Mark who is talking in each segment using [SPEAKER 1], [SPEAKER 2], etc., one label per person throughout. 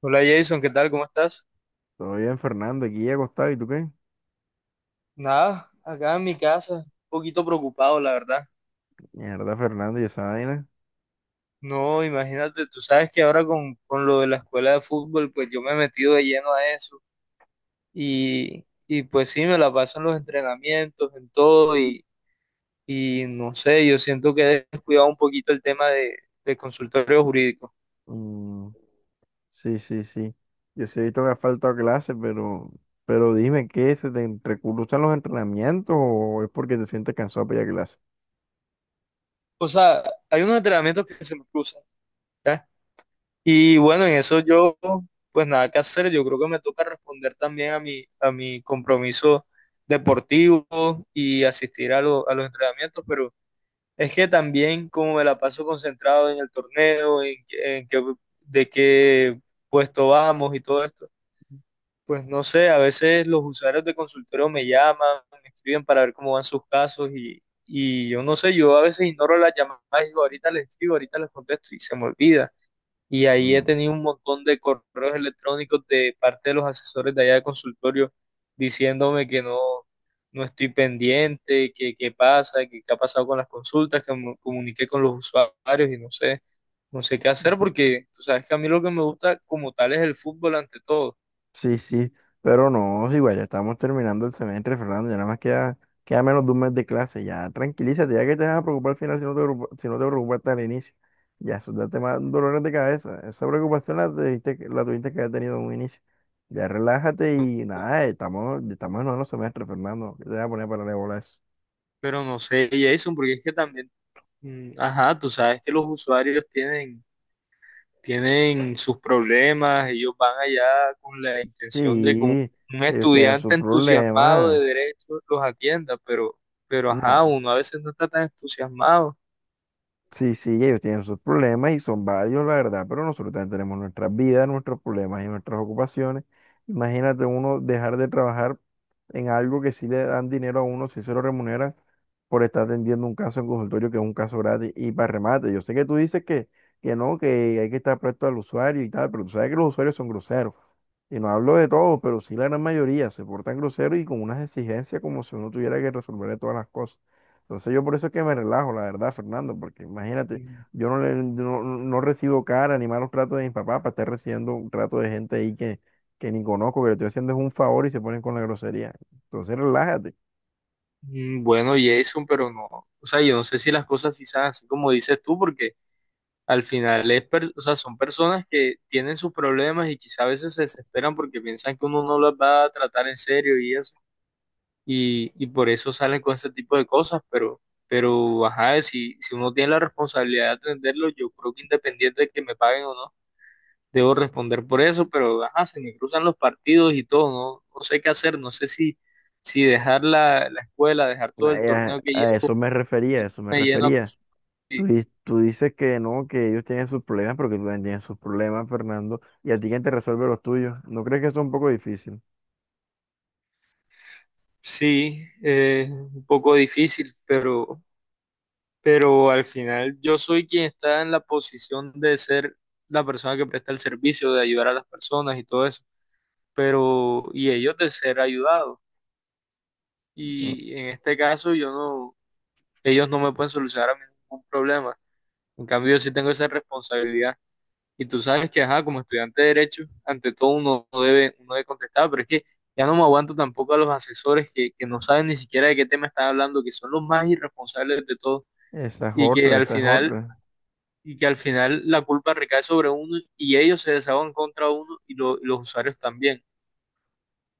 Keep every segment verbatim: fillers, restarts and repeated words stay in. [SPEAKER 1] Hola Jason, ¿qué tal? ¿Cómo estás?
[SPEAKER 2] Todo bien, Fernando. Aquí ya acostado. ¿Y tú qué?
[SPEAKER 1] Nada, acá en mi casa, un poquito preocupado, la verdad.
[SPEAKER 2] Mierda, Fernando, ¿y esa vaina?
[SPEAKER 1] No, imagínate, tú sabes que ahora con, con lo de la escuela de fútbol, pues yo me he metido de lleno a eso y, y pues sí, me la paso en los entrenamientos, en todo y, y no sé, yo siento que he descuidado un poquito el tema de, de consultorio jurídico.
[SPEAKER 2] Mm, sí, sí, sí. Yo sí he visto que has faltado a clase, pero, pero dime, ¿qué? ¿Se te entrecruzan los entrenamientos o es porque te sientes cansado para ir a clase?
[SPEAKER 1] O sea, hay unos entrenamientos que se me cruzan. ¿Ya? Y bueno, en eso yo, pues nada que hacer. Yo creo que me toca responder también a mi, a mi compromiso deportivo y asistir a, lo- a los entrenamientos, pero es que también como me la paso concentrado en el torneo, en, qué- en qué- de qué puesto vamos y todo esto, pues no sé, a veces los usuarios de consultorio me llaman, me escriben para ver cómo van sus casos y, y yo no sé, yo a veces ignoro las llamadas y digo, ahorita les escribo, ahorita les contesto y se me olvida. Y ahí he
[SPEAKER 2] Mm.
[SPEAKER 1] tenido un montón de correos electrónicos de parte de los asesores de allá de consultorio diciéndome que no, no estoy pendiente, que qué pasa, que qué ha pasado con las consultas, que me comuniqué con los usuarios y no sé, no sé qué hacer porque tú sabes que a mí lo que me gusta como tal es el fútbol ante todo.
[SPEAKER 2] Sí, sí, pero no, sí, igual ya estamos terminando el semestre, Fernando, ya nada más queda, queda menos de un mes de clase. Ya tranquilízate, ya que te vas a preocupar al final si no te, preocupa- si no te preocupaste al inicio. Ya eso ya te da dolores de cabeza, esa preocupación la tuviste, que- la tuviste que haber tenido en un inicio. Ya relájate y nada, estamos, estamos en noveno semestre, Fernando, que te voy a poner para la bola a eso.
[SPEAKER 1] Pero no sé, Jason, porque es que también, mm, ajá, tú sabes que los usuarios tienen tienen sus problemas, ellos van allá con la intención de que un,
[SPEAKER 2] Sí,
[SPEAKER 1] un
[SPEAKER 2] ellos tienen
[SPEAKER 1] estudiante
[SPEAKER 2] sus
[SPEAKER 1] entusiasmado de
[SPEAKER 2] problemas,
[SPEAKER 1] derecho los atienda, pero, pero ajá,
[SPEAKER 2] no.
[SPEAKER 1] uno a veces no está tan entusiasmado.
[SPEAKER 2] Sí, sí, ellos tienen sus problemas y son varios, la verdad, pero nosotros también tenemos nuestras vidas, nuestros problemas y nuestras ocupaciones. Imagínate uno dejar de trabajar en algo que sí le dan dinero a uno, si se lo remuneran por estar atendiendo un caso en consultorio que es un caso gratis y para remate. Yo sé que tú dices que, que, no, que hay que estar presto al usuario y tal, pero tú sabes que los usuarios son groseros. Y no hablo de todos, pero sí la gran mayoría se portan groseros y con unas exigencias como si uno tuviera que resolverle todas las cosas. Entonces yo por eso es que me relajo, la verdad, Fernando, porque imagínate,
[SPEAKER 1] Mm,
[SPEAKER 2] yo no, le, no, no recibo cara ni malos tratos de mis papás para estar recibiendo un trato de gente ahí que, que ni conozco, que le estoy haciendo es un favor y se ponen con la grosería. Entonces relájate.
[SPEAKER 1] mm, Bueno, Jason, pero no, o sea, yo no sé si las cosas sí son así como dices tú, porque al final es, per- o sea, son personas que tienen sus problemas y quizá a veces se desesperan porque piensan que uno no las va a tratar en serio y eso. y, y por eso salen con ese tipo de cosas, pero, pero ajá, si, si uno tiene la responsabilidad de atenderlo, yo creo que independiente de que me paguen o no, debo responder por eso, pero ajá, se me cruzan los partidos y todo, no, no sé qué hacer, no sé si, si dejar la, la escuela, dejar todo el
[SPEAKER 2] Ay, A,
[SPEAKER 1] torneo que
[SPEAKER 2] a
[SPEAKER 1] llevo,
[SPEAKER 2] eso me
[SPEAKER 1] y me,
[SPEAKER 2] refería, a eso me
[SPEAKER 1] me lleno a
[SPEAKER 2] refería.
[SPEAKER 1] cosas
[SPEAKER 2] Tú,
[SPEAKER 1] así.
[SPEAKER 2] di- tú dices que no, que ellos tienen sus problemas, pero que tú también tienes sus problemas, Fernando, y a ti quién te resuelve los tuyos. ¿No crees que eso es un poco difícil?
[SPEAKER 1] Sí, eh, un poco difícil, pero, pero al final yo soy quien está en la posición de ser la persona que presta el servicio, de ayudar a las personas y todo eso. Pero y ellos de ser ayudados.
[SPEAKER 2] Mm.
[SPEAKER 1] Y en este caso yo no, ellos no me pueden solucionar a mí ningún problema. En cambio yo sí tengo esa responsabilidad. Y tú sabes que, ajá, como estudiante de derecho, ante todo uno no debe, uno debe contestar, pero es que ya no me aguanto tampoco a los asesores que, que no saben ni siquiera de qué tema están hablando, que son los más irresponsables de todo
[SPEAKER 2] Esa es
[SPEAKER 1] y que
[SPEAKER 2] otra,
[SPEAKER 1] al
[SPEAKER 2] esa es
[SPEAKER 1] final
[SPEAKER 2] otra.
[SPEAKER 1] y que al final la culpa recae sobre uno y ellos se desahogan contra uno y, lo- y los usuarios también.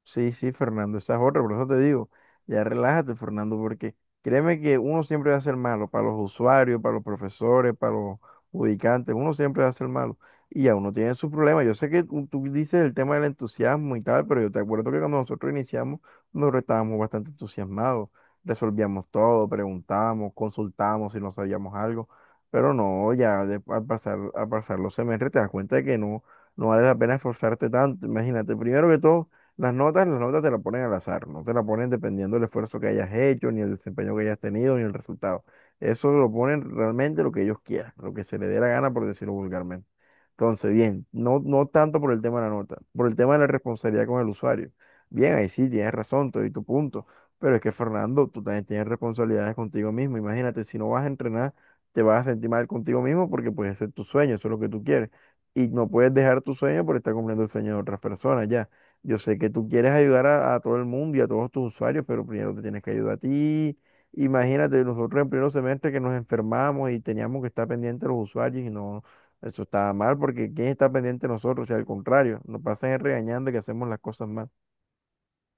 [SPEAKER 2] Sí, sí, Fernando, esa es otra, por eso te digo, ya relájate, Fernando, porque créeme que uno siempre va a ser malo, para los usuarios, para los profesores, para los ubicantes, uno siempre va a ser malo. Y ya uno tiene sus problemas. Yo sé que tú tú dices el tema del entusiasmo y tal, pero yo te acuerdo que cuando nosotros iniciamos, nosotros estábamos bastante entusiasmados, resolvíamos todo, preguntábamos, consultábamos si no sabíamos algo, pero no, ya de- al pasar, al pasar los semestres te das cuenta de que no, no vale la pena esforzarte tanto. Imagínate, primero que todo, las notas, las notas te las ponen al azar, no te las ponen dependiendo del esfuerzo que hayas hecho, ni el desempeño que hayas tenido, ni el resultado. Eso lo ponen realmente lo que ellos quieran, lo que se les dé la gana, por decirlo vulgarmente. Entonces, bien, no, no tanto por el tema de la nota, por el tema de la responsabilidad con el usuario. Bien, ahí sí, tienes razón, te doy tu punto, pero es que Fernando, tú también tienes responsabilidades contigo mismo. Imagínate, si no vas a entrenar, te vas a sentir mal contigo mismo porque puede ser tu sueño, eso es lo que tú quieres. Y no puedes dejar tu sueño por estar cumpliendo el sueño de otras personas, ya. Yo sé que tú quieres ayudar a, a todo el mundo y a todos tus usuarios, pero primero te tienes que ayudar a ti. Imagínate, nosotros en primer semestre que nos enfermamos y teníamos que estar pendientes de los usuarios y no, eso estaba mal porque ¿quién está pendiente de nosotros? O sea, al contrario, nos pasan regañando que hacemos las cosas mal.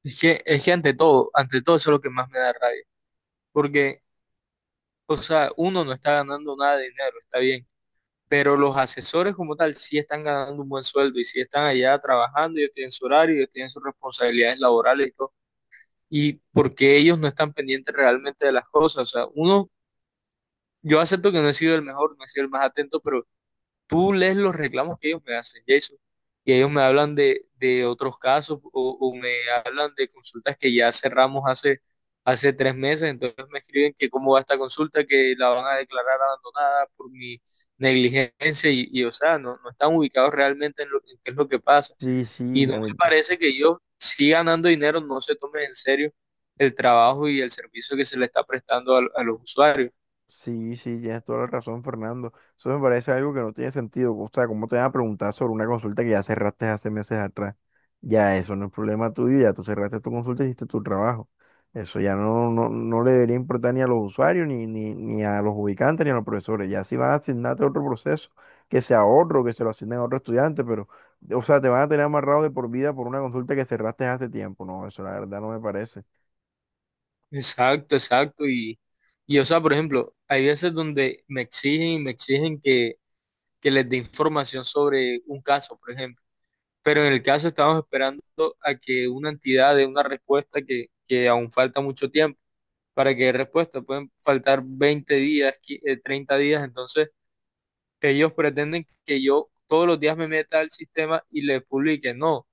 [SPEAKER 1] Es que, es que ante todo, ante todo eso es lo que más me da rabia. Porque, o sea, uno no está ganando nada de dinero, está bien, pero los asesores como tal sí están ganando un buen sueldo y sí están allá trabajando, ellos tienen su horario, ellos tienen sus responsabilidades laborales y todo. Y porque ellos no están pendientes realmente de las cosas. O sea, uno, yo acepto que no he sido el mejor, no he sido el más atento, pero tú lees los reclamos que ellos me hacen, Jason, y ellos me hablan de, de otros casos o, o me hablan de consultas que ya cerramos hace, hace tres meses, entonces me escriben que cómo va esta consulta, que la van a declarar abandonada por mi negligencia y, y, o sea, no, no están ubicados realmente en, lo, en qué es lo que pasa.
[SPEAKER 2] Sí,
[SPEAKER 1] Y
[SPEAKER 2] sí,
[SPEAKER 1] no
[SPEAKER 2] a
[SPEAKER 1] me
[SPEAKER 2] mí
[SPEAKER 1] parece que ellos, si ganando dinero, no se tomen en serio el trabajo y el servicio que se le está prestando a, a los usuarios.
[SPEAKER 2] sí, sí, tienes toda la razón, Fernando. Eso me parece algo que no tiene sentido. O sea, ¿cómo te van a preguntar sobre una consulta que ya cerraste hace meses atrás? Ya eso no es problema tuyo, ya tú cerraste tu consulta y hiciste tu trabajo. Eso ya no, no, no le debería importar ni a los usuarios, ni, ni, ni a los ubicantes, ni a los profesores. Ya si van a asignarte otro proceso, que sea otro, que se lo asignen a otro estudiante, pero, o sea, te van a tener amarrado de por vida por una consulta que cerraste hace tiempo. No, eso la verdad no me parece.
[SPEAKER 1] Exacto, exacto. Y, y, o sea, por ejemplo, hay veces donde me exigen y me exigen que, que les dé información sobre un caso, por ejemplo. Pero en el caso estamos esperando a que una entidad dé una respuesta que, que aún falta mucho tiempo para que dé respuesta. Pueden faltar veinte días, qui- eh, treinta días. Entonces, ellos pretenden que yo todos los días me meta al sistema y les publique. No.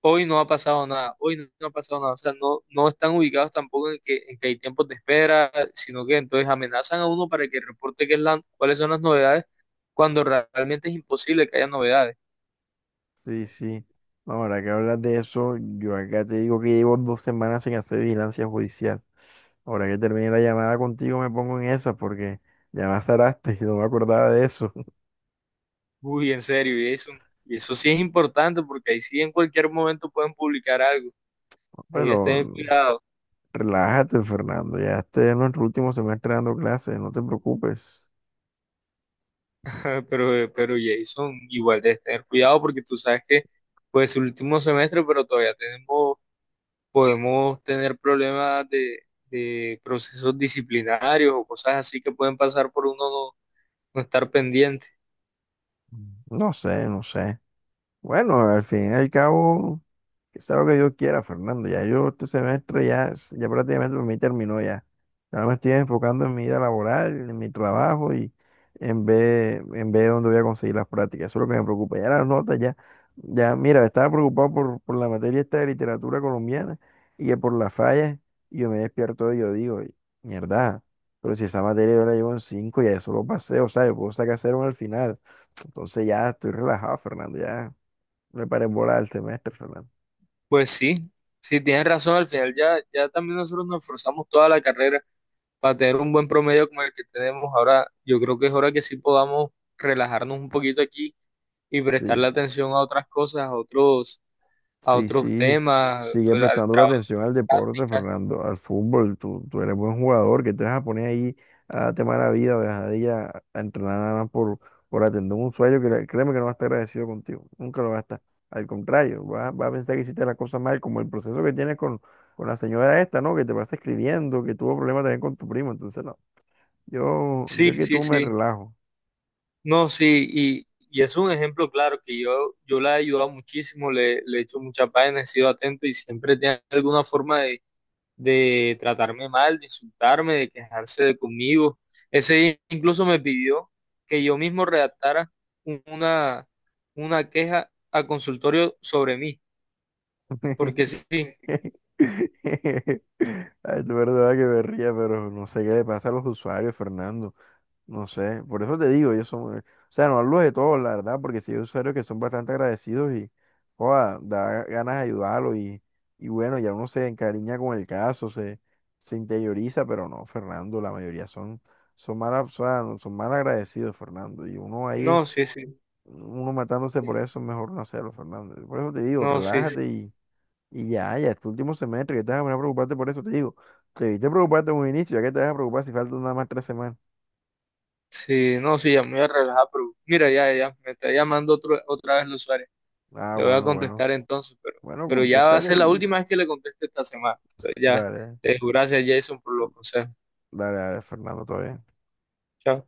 [SPEAKER 1] Hoy no ha pasado nada, hoy no, no ha pasado nada, o sea, no, no están ubicados tampoco en que, en que, hay tiempos de espera, sino que entonces amenazan a uno para que reporte qué es la- cuáles son las novedades, cuando realmente es imposible que haya novedades.
[SPEAKER 2] Sí, sí. No, ahora que hablas de eso, yo acá te digo que llevo dos semanas sin hacer vigilancia judicial. Ahora que termine la llamada contigo me pongo en esa porque ya me azaraste y no me acordaba de eso.
[SPEAKER 1] Uy, en serio, y eso, y eso sí es importante, porque ahí sí en cualquier momento pueden publicar algo, ahí debes
[SPEAKER 2] Pero
[SPEAKER 1] tener cuidado,
[SPEAKER 2] relájate, Fernando. Ya este es nuestro último semestre dando clases, no te preocupes.
[SPEAKER 1] pero, eh, pero Jason, igual debes tener cuidado porque tú sabes que pues el último semestre, pero todavía tenemos podemos tener problemas de, de procesos disciplinarios o cosas así que pueden pasar por uno no, no estar pendiente.
[SPEAKER 2] No sé, no sé. Bueno, al fin y al cabo, que sea lo que yo quiera, Fernando. Ya yo este semestre ya, es- ya prácticamente para mí terminó ya. Ahora me estoy enfocando en mi vida laboral, en mi trabajo y en ver en ver dónde voy a conseguir las prácticas. Eso es lo que me preocupa. Ya las notas, ya, ya, mira, estaba preocupado por, por la materia esta de literatura colombiana y que por las fallas, y yo me despierto y yo digo, mierda, pero si esa materia yo la llevo en cinco ya eso lo pasé, o sea, yo puedo sacar cero al final. Entonces ya estoy relajado, Fernando, ya me paré en bola el semestre, Fernando.
[SPEAKER 1] Pues sí, sí, tienes razón, al final ya, ya también nosotros nos esforzamos toda la carrera para tener un buen promedio como el que tenemos ahora. Yo creo que es hora que sí podamos relajarnos un poquito aquí y
[SPEAKER 2] Sí,
[SPEAKER 1] prestarle atención a otras cosas, a otros. A
[SPEAKER 2] sí,
[SPEAKER 1] otros
[SPEAKER 2] sí,
[SPEAKER 1] temas,
[SPEAKER 2] sigue
[SPEAKER 1] al al
[SPEAKER 2] prestando la
[SPEAKER 1] trabajo,
[SPEAKER 2] atención al deporte,
[SPEAKER 1] prácticas.
[SPEAKER 2] Fernando, al fútbol. Tú, tú eres buen jugador, que te vas a poner ahí a tema de la vida o dejadilla a a entrenar nada más por, por atender un sueño que le- créeme que no va a estar agradecido contigo, nunca lo va a estar. Al contrario, va, va a pensar que hiciste la cosa mal, como el proceso que tienes con, con la señora esta, ¿no? Que te pasa escribiendo, que tuvo problemas también con tu primo. Entonces, no, yo,
[SPEAKER 1] Sí,
[SPEAKER 2] yo que
[SPEAKER 1] sí,
[SPEAKER 2] tú me
[SPEAKER 1] sí.
[SPEAKER 2] relajo.
[SPEAKER 1] No, sí, y, y es un ejemplo claro que yo, yo la he ayudado muchísimo, le, le he hecho muchas páginas, he sido atento y siempre tiene alguna forma de, de tratarme mal, de insultarme, de quejarse de conmigo. Ese día incluso me pidió que yo mismo redactara un- una, una queja a consultorio sobre mí, porque sí, sí,
[SPEAKER 2] Ay, es verdad que me ría, pero no sé qué le pasa a los usuarios, Fernando. No sé, por eso te digo, ellos son, o sea, no hablo de todos, la verdad, porque sí hay usuarios que son bastante agradecidos y, joda, da ganas de ayudarlo y, y bueno, ya uno se encariña con el caso, se, se interioriza, pero no, Fernando, la mayoría son, son mal, o sea, no- son mal agradecidos, Fernando, y uno ahí,
[SPEAKER 1] no, sí, sí,
[SPEAKER 2] uno matándose por eso, es mejor no hacerlo, Fernando. Por eso te digo,
[SPEAKER 1] no, sí,
[SPEAKER 2] relájate
[SPEAKER 1] sí.
[SPEAKER 2] y ya, ya, este último semestre, que te vas a poner a preocuparte por eso, te digo. Te debiste preocuparte en un inicio, ya que te vas a preocupar si faltan nada más tres semanas.
[SPEAKER 1] Sí, no, sí, ya me voy a relajar, pero mira, ya, ya, me está llamando otro, otra vez los Suárez.
[SPEAKER 2] Ah,
[SPEAKER 1] Le voy a
[SPEAKER 2] bueno, bueno.
[SPEAKER 1] contestar entonces, pero,
[SPEAKER 2] Bueno,
[SPEAKER 1] pero ya va a
[SPEAKER 2] contestaré
[SPEAKER 1] ser la
[SPEAKER 2] y...
[SPEAKER 1] última vez que le conteste esta semana. Entonces, ya,
[SPEAKER 2] Dale,
[SPEAKER 1] eh, gracias Jason por los consejos.
[SPEAKER 2] dale, dale, Fernando, todavía.
[SPEAKER 1] Chao.